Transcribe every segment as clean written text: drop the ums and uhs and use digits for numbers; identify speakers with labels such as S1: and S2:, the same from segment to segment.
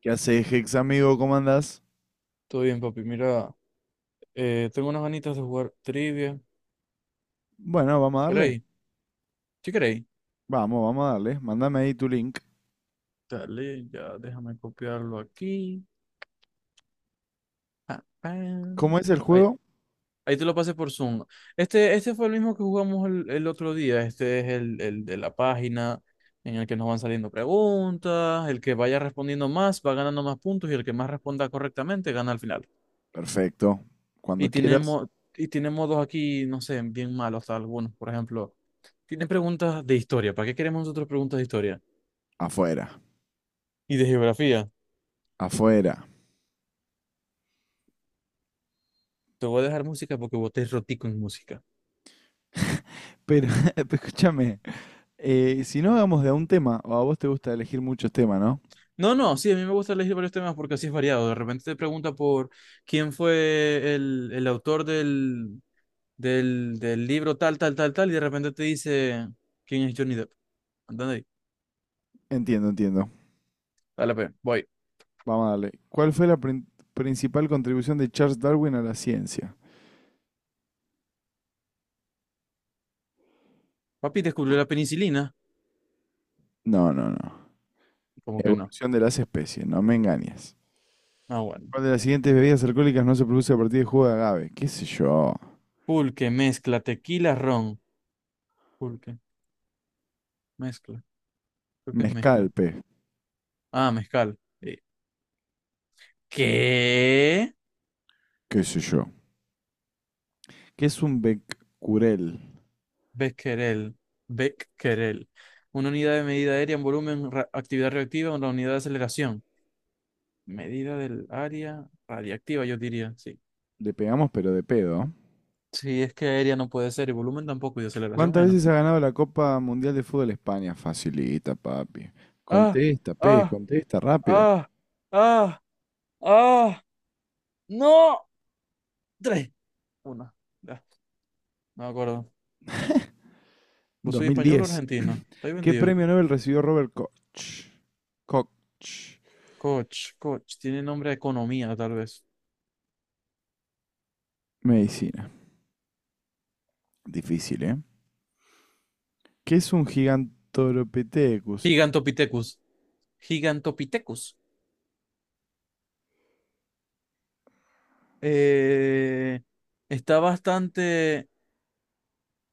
S1: ¿Qué haces, Hex amigo? ¿Cómo andás?
S2: Todo bien, papi. Mira, tengo unas ganitas de jugar trivia.
S1: Bueno, vamos a darle.
S2: ¿Queréis? ¿Sí queréis?
S1: Vamos, vamos a darle. Mándame ahí tu link.
S2: Dale, ya déjame copiarlo aquí. Pa, pam.
S1: ¿Cómo es el
S2: Ahí,
S1: juego?
S2: ahí te lo pasé por Zoom. Este fue el mismo que jugamos el otro día. Este es el de la página en el que nos van saliendo preguntas. El que vaya respondiendo más va ganando más puntos y el que más responda correctamente gana al final.
S1: Perfecto. Cuando
S2: Y
S1: quieras,
S2: tenemos, y tiene modos aquí, no sé, bien malos algunos. Por ejemplo, tiene preguntas de historia. ¿Para qué queremos nosotros preguntas de historia?
S1: afuera.
S2: Y de geografía.
S1: Afuera.
S2: Te voy a dejar música porque vos te rotico en música.
S1: Pero, pero escúchame, si no hagamos de a un tema, o a vos te gusta elegir muchos temas, ¿no?
S2: No, no, sí, a mí me gusta elegir varios temas porque así es variado. De repente te pregunta por quién fue el autor del libro tal, tal, tal, tal, y de repente te dice quién es Johnny Depp. ¿Entendéis?
S1: Entiendo, entiendo.
S2: Dale, pues, voy.
S1: Vamos a darle. ¿Cuál fue la principal contribución de Charles Darwin a la ciencia?
S2: Papi descubrió la penicilina.
S1: No, no, no.
S2: Como que no.
S1: Evolución de las especies, no me engañes.
S2: Ah, bueno.
S1: ¿Cuál de las siguientes bebidas alcohólicas no se produce a partir de jugo de agave? ¿Qué sé yo?
S2: Pulque, mezcla, tequila, ron. Pulque, mezcla. Creo que es
S1: Mezcal,
S2: mezcla.
S1: pe.
S2: Ah, mezcal. ¿Qué?
S1: Qué sé yo, que es un Becurel.
S2: Becquerel, Becquerel. Una unidad de medida aérea en volumen, actividad reactiva, una unidad de aceleración. Medida del área radiactiva, yo diría, sí.
S1: Le pegamos pero de pedo.
S2: Sí, es que aérea no puede ser, y volumen tampoco, y de aceleración
S1: ¿Cuántas
S2: menos.
S1: veces ha ganado la Copa Mundial de Fútbol España? Facilita, papi.
S2: ¡Ah!
S1: Contesta, pez,
S2: ¡Ah!
S1: contesta rápido.
S2: ¡Ah! ¡Ah! ¡Ah! ¡No! Tres. Una. Ya, no me acuerdo. ¿Vos sois español o
S1: 2010.
S2: argentino? Estoy
S1: ¿Qué
S2: vendido.
S1: premio Nobel recibió Robert Koch? Koch.
S2: Coach, coach. Tiene nombre de economía, tal vez.
S1: Medicina. Difícil, ¿eh? ¿Qué es un gigantopithecus?
S2: Gigantopithecus. Gigantopithecus. eh, está bastante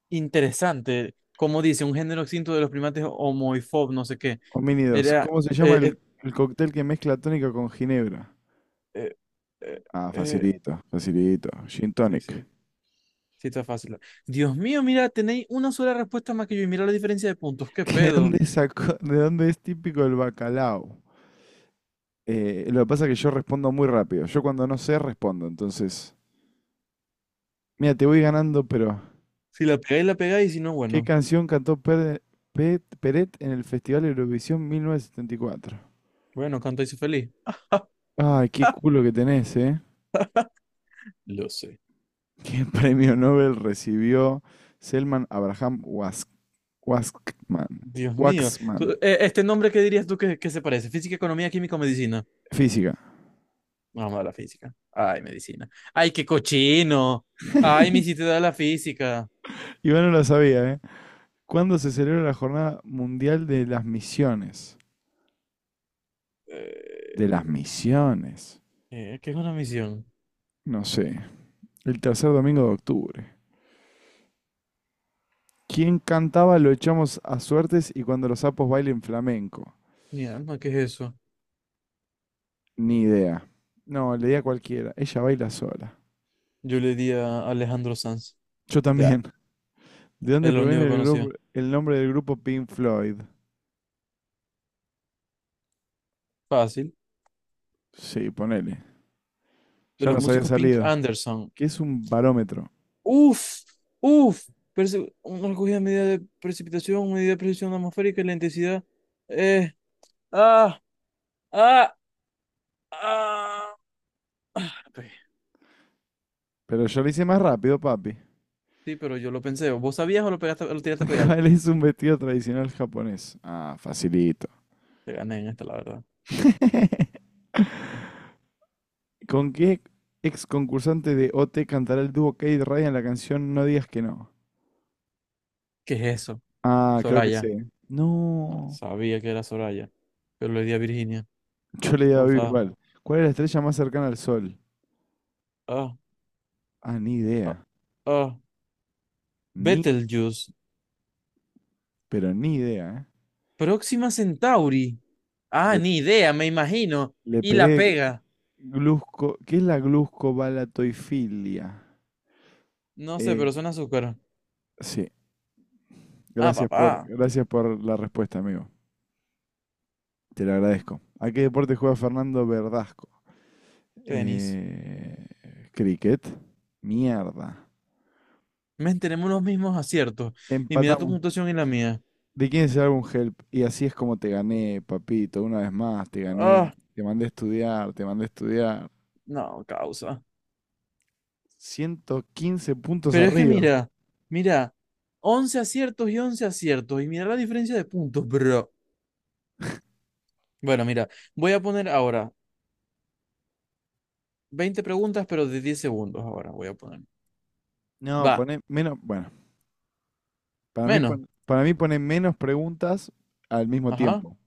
S2: interesante. Como dice, un género extinto de los primates homoifob, no sé qué.
S1: Homínidos.
S2: Era.
S1: ¿Cómo se llama
S2: eh, eh,
S1: el cóctel que mezcla tónica con ginebra?
S2: eh, eh,
S1: Ah,
S2: eh,
S1: facilito, facilito. Gin
S2: sí,
S1: tonic.
S2: sí, sí, está fácil. Dios mío, mira, tenéis una sola respuesta más que yo y mira la diferencia de puntos. ¿Qué
S1: ¿De
S2: pedo?
S1: dónde de dónde es típico el bacalao? Lo que pasa es que yo respondo muy rápido. Yo cuando no sé, respondo. Entonces, mira, te voy ganando, pero
S2: Si la pegáis, la pegáis, y si no,
S1: ¿qué
S2: bueno.
S1: canción cantó Peret en el Festival Eurovisión 1974?
S2: Bueno, canto y soy feliz.
S1: Ay, qué culo que tenés, ¿eh?
S2: Lo sé.
S1: ¿Qué premio Nobel recibió Selman Abraham Waskman?
S2: Dios mío.
S1: Waxman.
S2: ¿Este nombre qué dirías tú que se parece? Física, economía, química o medicina.
S1: Física.
S2: Vamos a la física. Ay, medicina. Ay, qué cochino. Ay, me hiciste dar la física.
S1: Iván no lo sabía, ¿eh? ¿Cuándo se celebra la Jornada Mundial de las Misiones? De las
S2: Eh,
S1: misiones.
S2: ¿Qué es una misión?
S1: No sé. El tercer domingo de octubre. ¿Quién cantaba Lo echamos a suertes y cuando los sapos bailen flamenco?
S2: Mi alma, ¿qué es eso?
S1: Ni idea. No, le di a cualquiera. Ella baila sola.
S2: Yo le di a Alejandro Sanz.
S1: Yo
S2: Da,
S1: también. ¿De dónde
S2: es lo único
S1: proviene
S2: que conocía.
S1: el nombre del grupo Pink Floyd?
S2: Fácil.
S1: Sí, ponele.
S2: De
S1: Ya
S2: los
S1: nos había
S2: músicos Pink
S1: salido.
S2: Anderson.
S1: ¿Qué es un barómetro?
S2: Uf, uf. Una recogida de medida de precipitación, medida de precisión atmosférica y la intensidad. Eh, ah, ah, ah.
S1: Pero yo lo hice más rápido, papi.
S2: Sí, pero yo lo pensé. ¿Vos sabías o lo pegaste, lo tiraste a pegar?
S1: ¿Cuál es un vestido tradicional japonés? Ah, facilito.
S2: Te gané en esta, la verdad.
S1: ¿Con qué ex concursante de OT cantará el dúo Kate Ryan la canción No digas que no?
S2: ¿Qué es eso?
S1: Ah, creo que
S2: Soraya.
S1: sé.
S2: Ah,
S1: No.
S2: sabía que era Soraya, pero le di a Virginia.
S1: Yo le
S2: Me
S1: daba
S2: gustaba.
S1: igual. ¿Cuál es la estrella más cercana al Sol?
S2: Ah,
S1: Ah, ni
S2: ah,
S1: idea.
S2: ah.
S1: Ni,
S2: Betelgeuse.
S1: Pero ni idea, ¿eh?
S2: Próxima Centauri. Ah,
S1: Le,
S2: ni idea, me imagino.
S1: le
S2: Y la
S1: pegué
S2: pega.
S1: glusco. ¿Qué es la gluscobalatoifilia?
S2: No sé,
S1: Eh,
S2: pero suena azúcar.
S1: sí.
S2: Ah,
S1: Gracias por,
S2: papá.
S1: gracias por la respuesta, amigo. Te lo agradezco. ¿A qué deporte juega Fernando Verdasco?
S2: Tenis.
S1: Cricket. Mierda.
S2: Men, tenemos los mismos aciertos. Y mira tu
S1: Empatamos.
S2: puntuación y la mía.
S1: ¿De quién es el álbum Help? Y así es como te gané, papito, una vez más, te gané.
S2: Ah,
S1: Te mandé a estudiar, te mandé a estudiar.
S2: no, causa.
S1: 115 puntos
S2: Pero es que
S1: arriba.
S2: mira, mira, 11 aciertos. Y mira la diferencia de puntos, bro. Bueno, mira, voy a poner ahora 20 preguntas, pero de 10 segundos ahora voy a poner.
S1: No,
S2: Va,
S1: poné menos, bueno, para mí,
S2: menos.
S1: para mí poné menos preguntas al mismo
S2: Ajá.
S1: tiempo,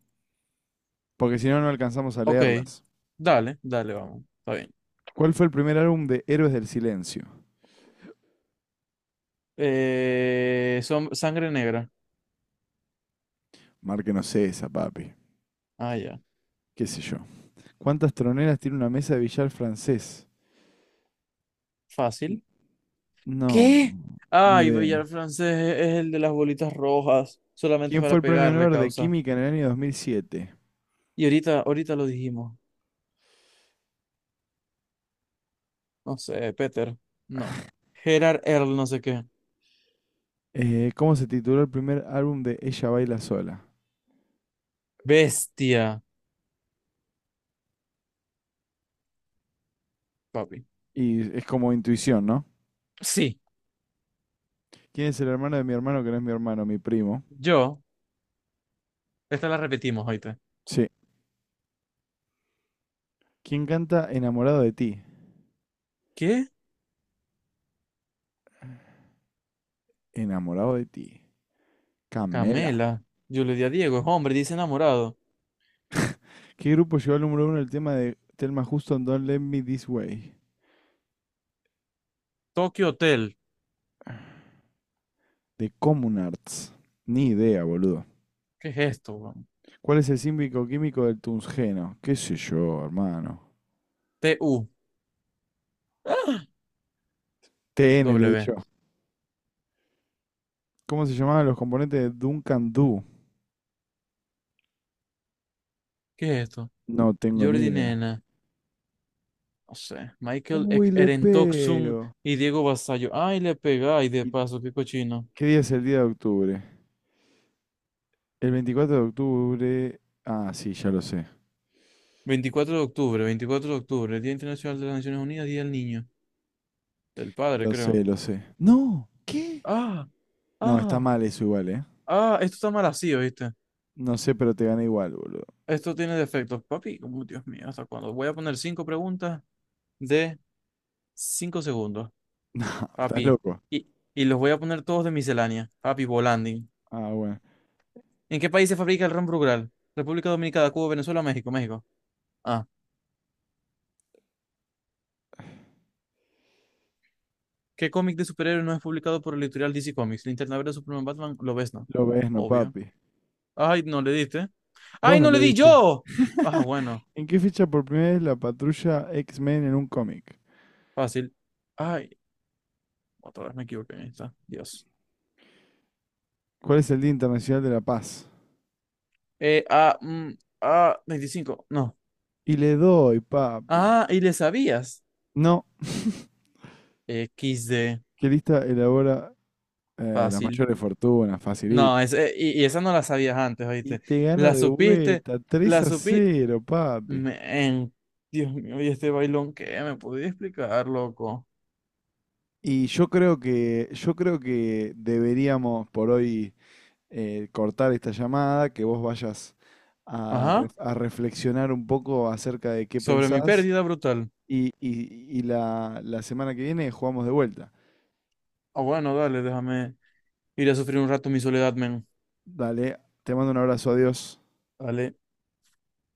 S1: porque si no, no alcanzamos a
S2: Ok.
S1: leerlas.
S2: Dale, dale, vamos. Está bien.
S1: ¿Cuál fue el primer álbum de Héroes del Silencio?
S2: Son sangre negra.
S1: Márquenos esa, papi.
S2: Ah, ya.
S1: ¿Qué sé yo? ¿Cuántas troneras tiene una mesa de billar francés?
S2: Fácil.
S1: No,
S2: ¿Qué?
S1: ni
S2: Ay,
S1: idea.
S2: Villar francés es el de las bolitas rojas. Solamente
S1: ¿Quién fue
S2: para
S1: el premio
S2: pegarle
S1: Nobel de
S2: causa.
S1: Química en el año 2007?
S2: Y ahorita, ahorita lo dijimos. No sé, Peter. No. Gerard Earl, no sé qué.
S1: ¿Cómo se tituló el primer álbum de Ella Baila Sola?
S2: Bestia, papi.
S1: Y es como intuición, ¿no?
S2: Sí,
S1: ¿Quién es el hermano de mi hermano que no es mi hermano, mi primo?
S2: yo. Esta la repetimos ahorita.
S1: Sí. ¿Quién canta Enamorado de ti?
S2: ¿Qué?
S1: Enamorado de ti. Camela.
S2: Camela. Yo le di a Diego, es hombre, dice enamorado.
S1: ¿Qué grupo llevó al número uno el tema de Thelma Houston Don't Let Me This Way?
S2: Tokyo Hotel.
S1: De Common Arts. Ni idea, boludo.
S2: ¿Qué es esto, weón?
S1: ¿Cuál es el símbico químico del tungsteno? ¿Qué sé yo, hermano?
S2: T-U.
S1: TN le di
S2: W.
S1: yo. ¿Cómo se llamaban los componentes de Duncan Doo?
S2: ¿Qué es esto?
S1: No tengo ni
S2: Jordi
S1: idea.
S2: Nena. No sé.
S1: Uy, le
S2: Erentoxun
S1: pego.
S2: y Diego Basayo. Ay, le pegáis de
S1: ¿Y
S2: paso, qué cochino.
S1: qué día es el día de octubre? El 24 de octubre. Ah, sí, ya lo sé.
S2: Veinticuatro de octubre, veinticuatro de octubre, Día Internacional de las Naciones Unidas, Día del Niño. Del padre,
S1: Lo
S2: creo.
S1: sé, lo sé. No, ¿qué?
S2: Ah,
S1: No, está
S2: ah,
S1: mal eso igual, ¿eh?
S2: ah, esto está mal así, ¿oíste?
S1: No sé, pero te gané igual, boludo.
S2: Esto tiene defectos. Papi, como Dios mío, ¿hasta cuándo? Voy a poner cinco preguntas de 5 segundos.
S1: No, estás
S2: Papi.
S1: loco.
S2: Y, y los voy a poner todos de miscelánea, papi, Volanding.
S1: Ah, bueno.
S2: ¿En qué país se fabrica el ron Brugal? República Dominicana, Cuba, Venezuela, México, México. Ah. ¿Qué cómic de superhéroes no es publicado por el editorial DC Comics? Linterna Verde, Superman, Batman, lo ves, ¿no?
S1: Lo ves, no,
S2: Obvio.
S1: papi.
S2: Ay, no le diste.
S1: Vos
S2: ¡Ay,
S1: no
S2: no le
S1: le
S2: di
S1: diste.
S2: yo! Ah, bueno,
S1: ¿En qué fecha por primera vez la patrulla X-Men en un cómic?
S2: fácil. Ay, otra vez me equivoqué. Ahí está. Dios.
S1: ¿Cuál es el Día Internacional de la Paz?
S2: Eh, ah, mm, 25. No.
S1: Y le doy, papi.
S2: Ah, y le sabías.
S1: No,
S2: Equis de
S1: ¿qué lista elabora las
S2: fácil.
S1: mayores fortunas?
S2: No,
S1: Facilito.
S2: es, y esa no la sabías antes,
S1: Y
S2: ¿oíste?
S1: te gano
S2: La
S1: de
S2: supiste,
S1: vuelta, tres
S2: la
S1: a
S2: supiste.
S1: cero papi.
S2: Men, Dios mío, y este bailón, ¿qué? ¿Me podía explicar, loco?
S1: Y yo creo que deberíamos por hoy cortar esta llamada, que vos vayas a,
S2: Ajá,
S1: ref- a reflexionar un poco acerca de qué
S2: sobre mi
S1: pensás
S2: pérdida brutal.
S1: y la semana que viene jugamos de vuelta.
S2: Ah, bueno, dale, déjame ir a sufrir un rato mi soledad, men.
S1: Dale, te mando un abrazo, adiós.
S2: Dale.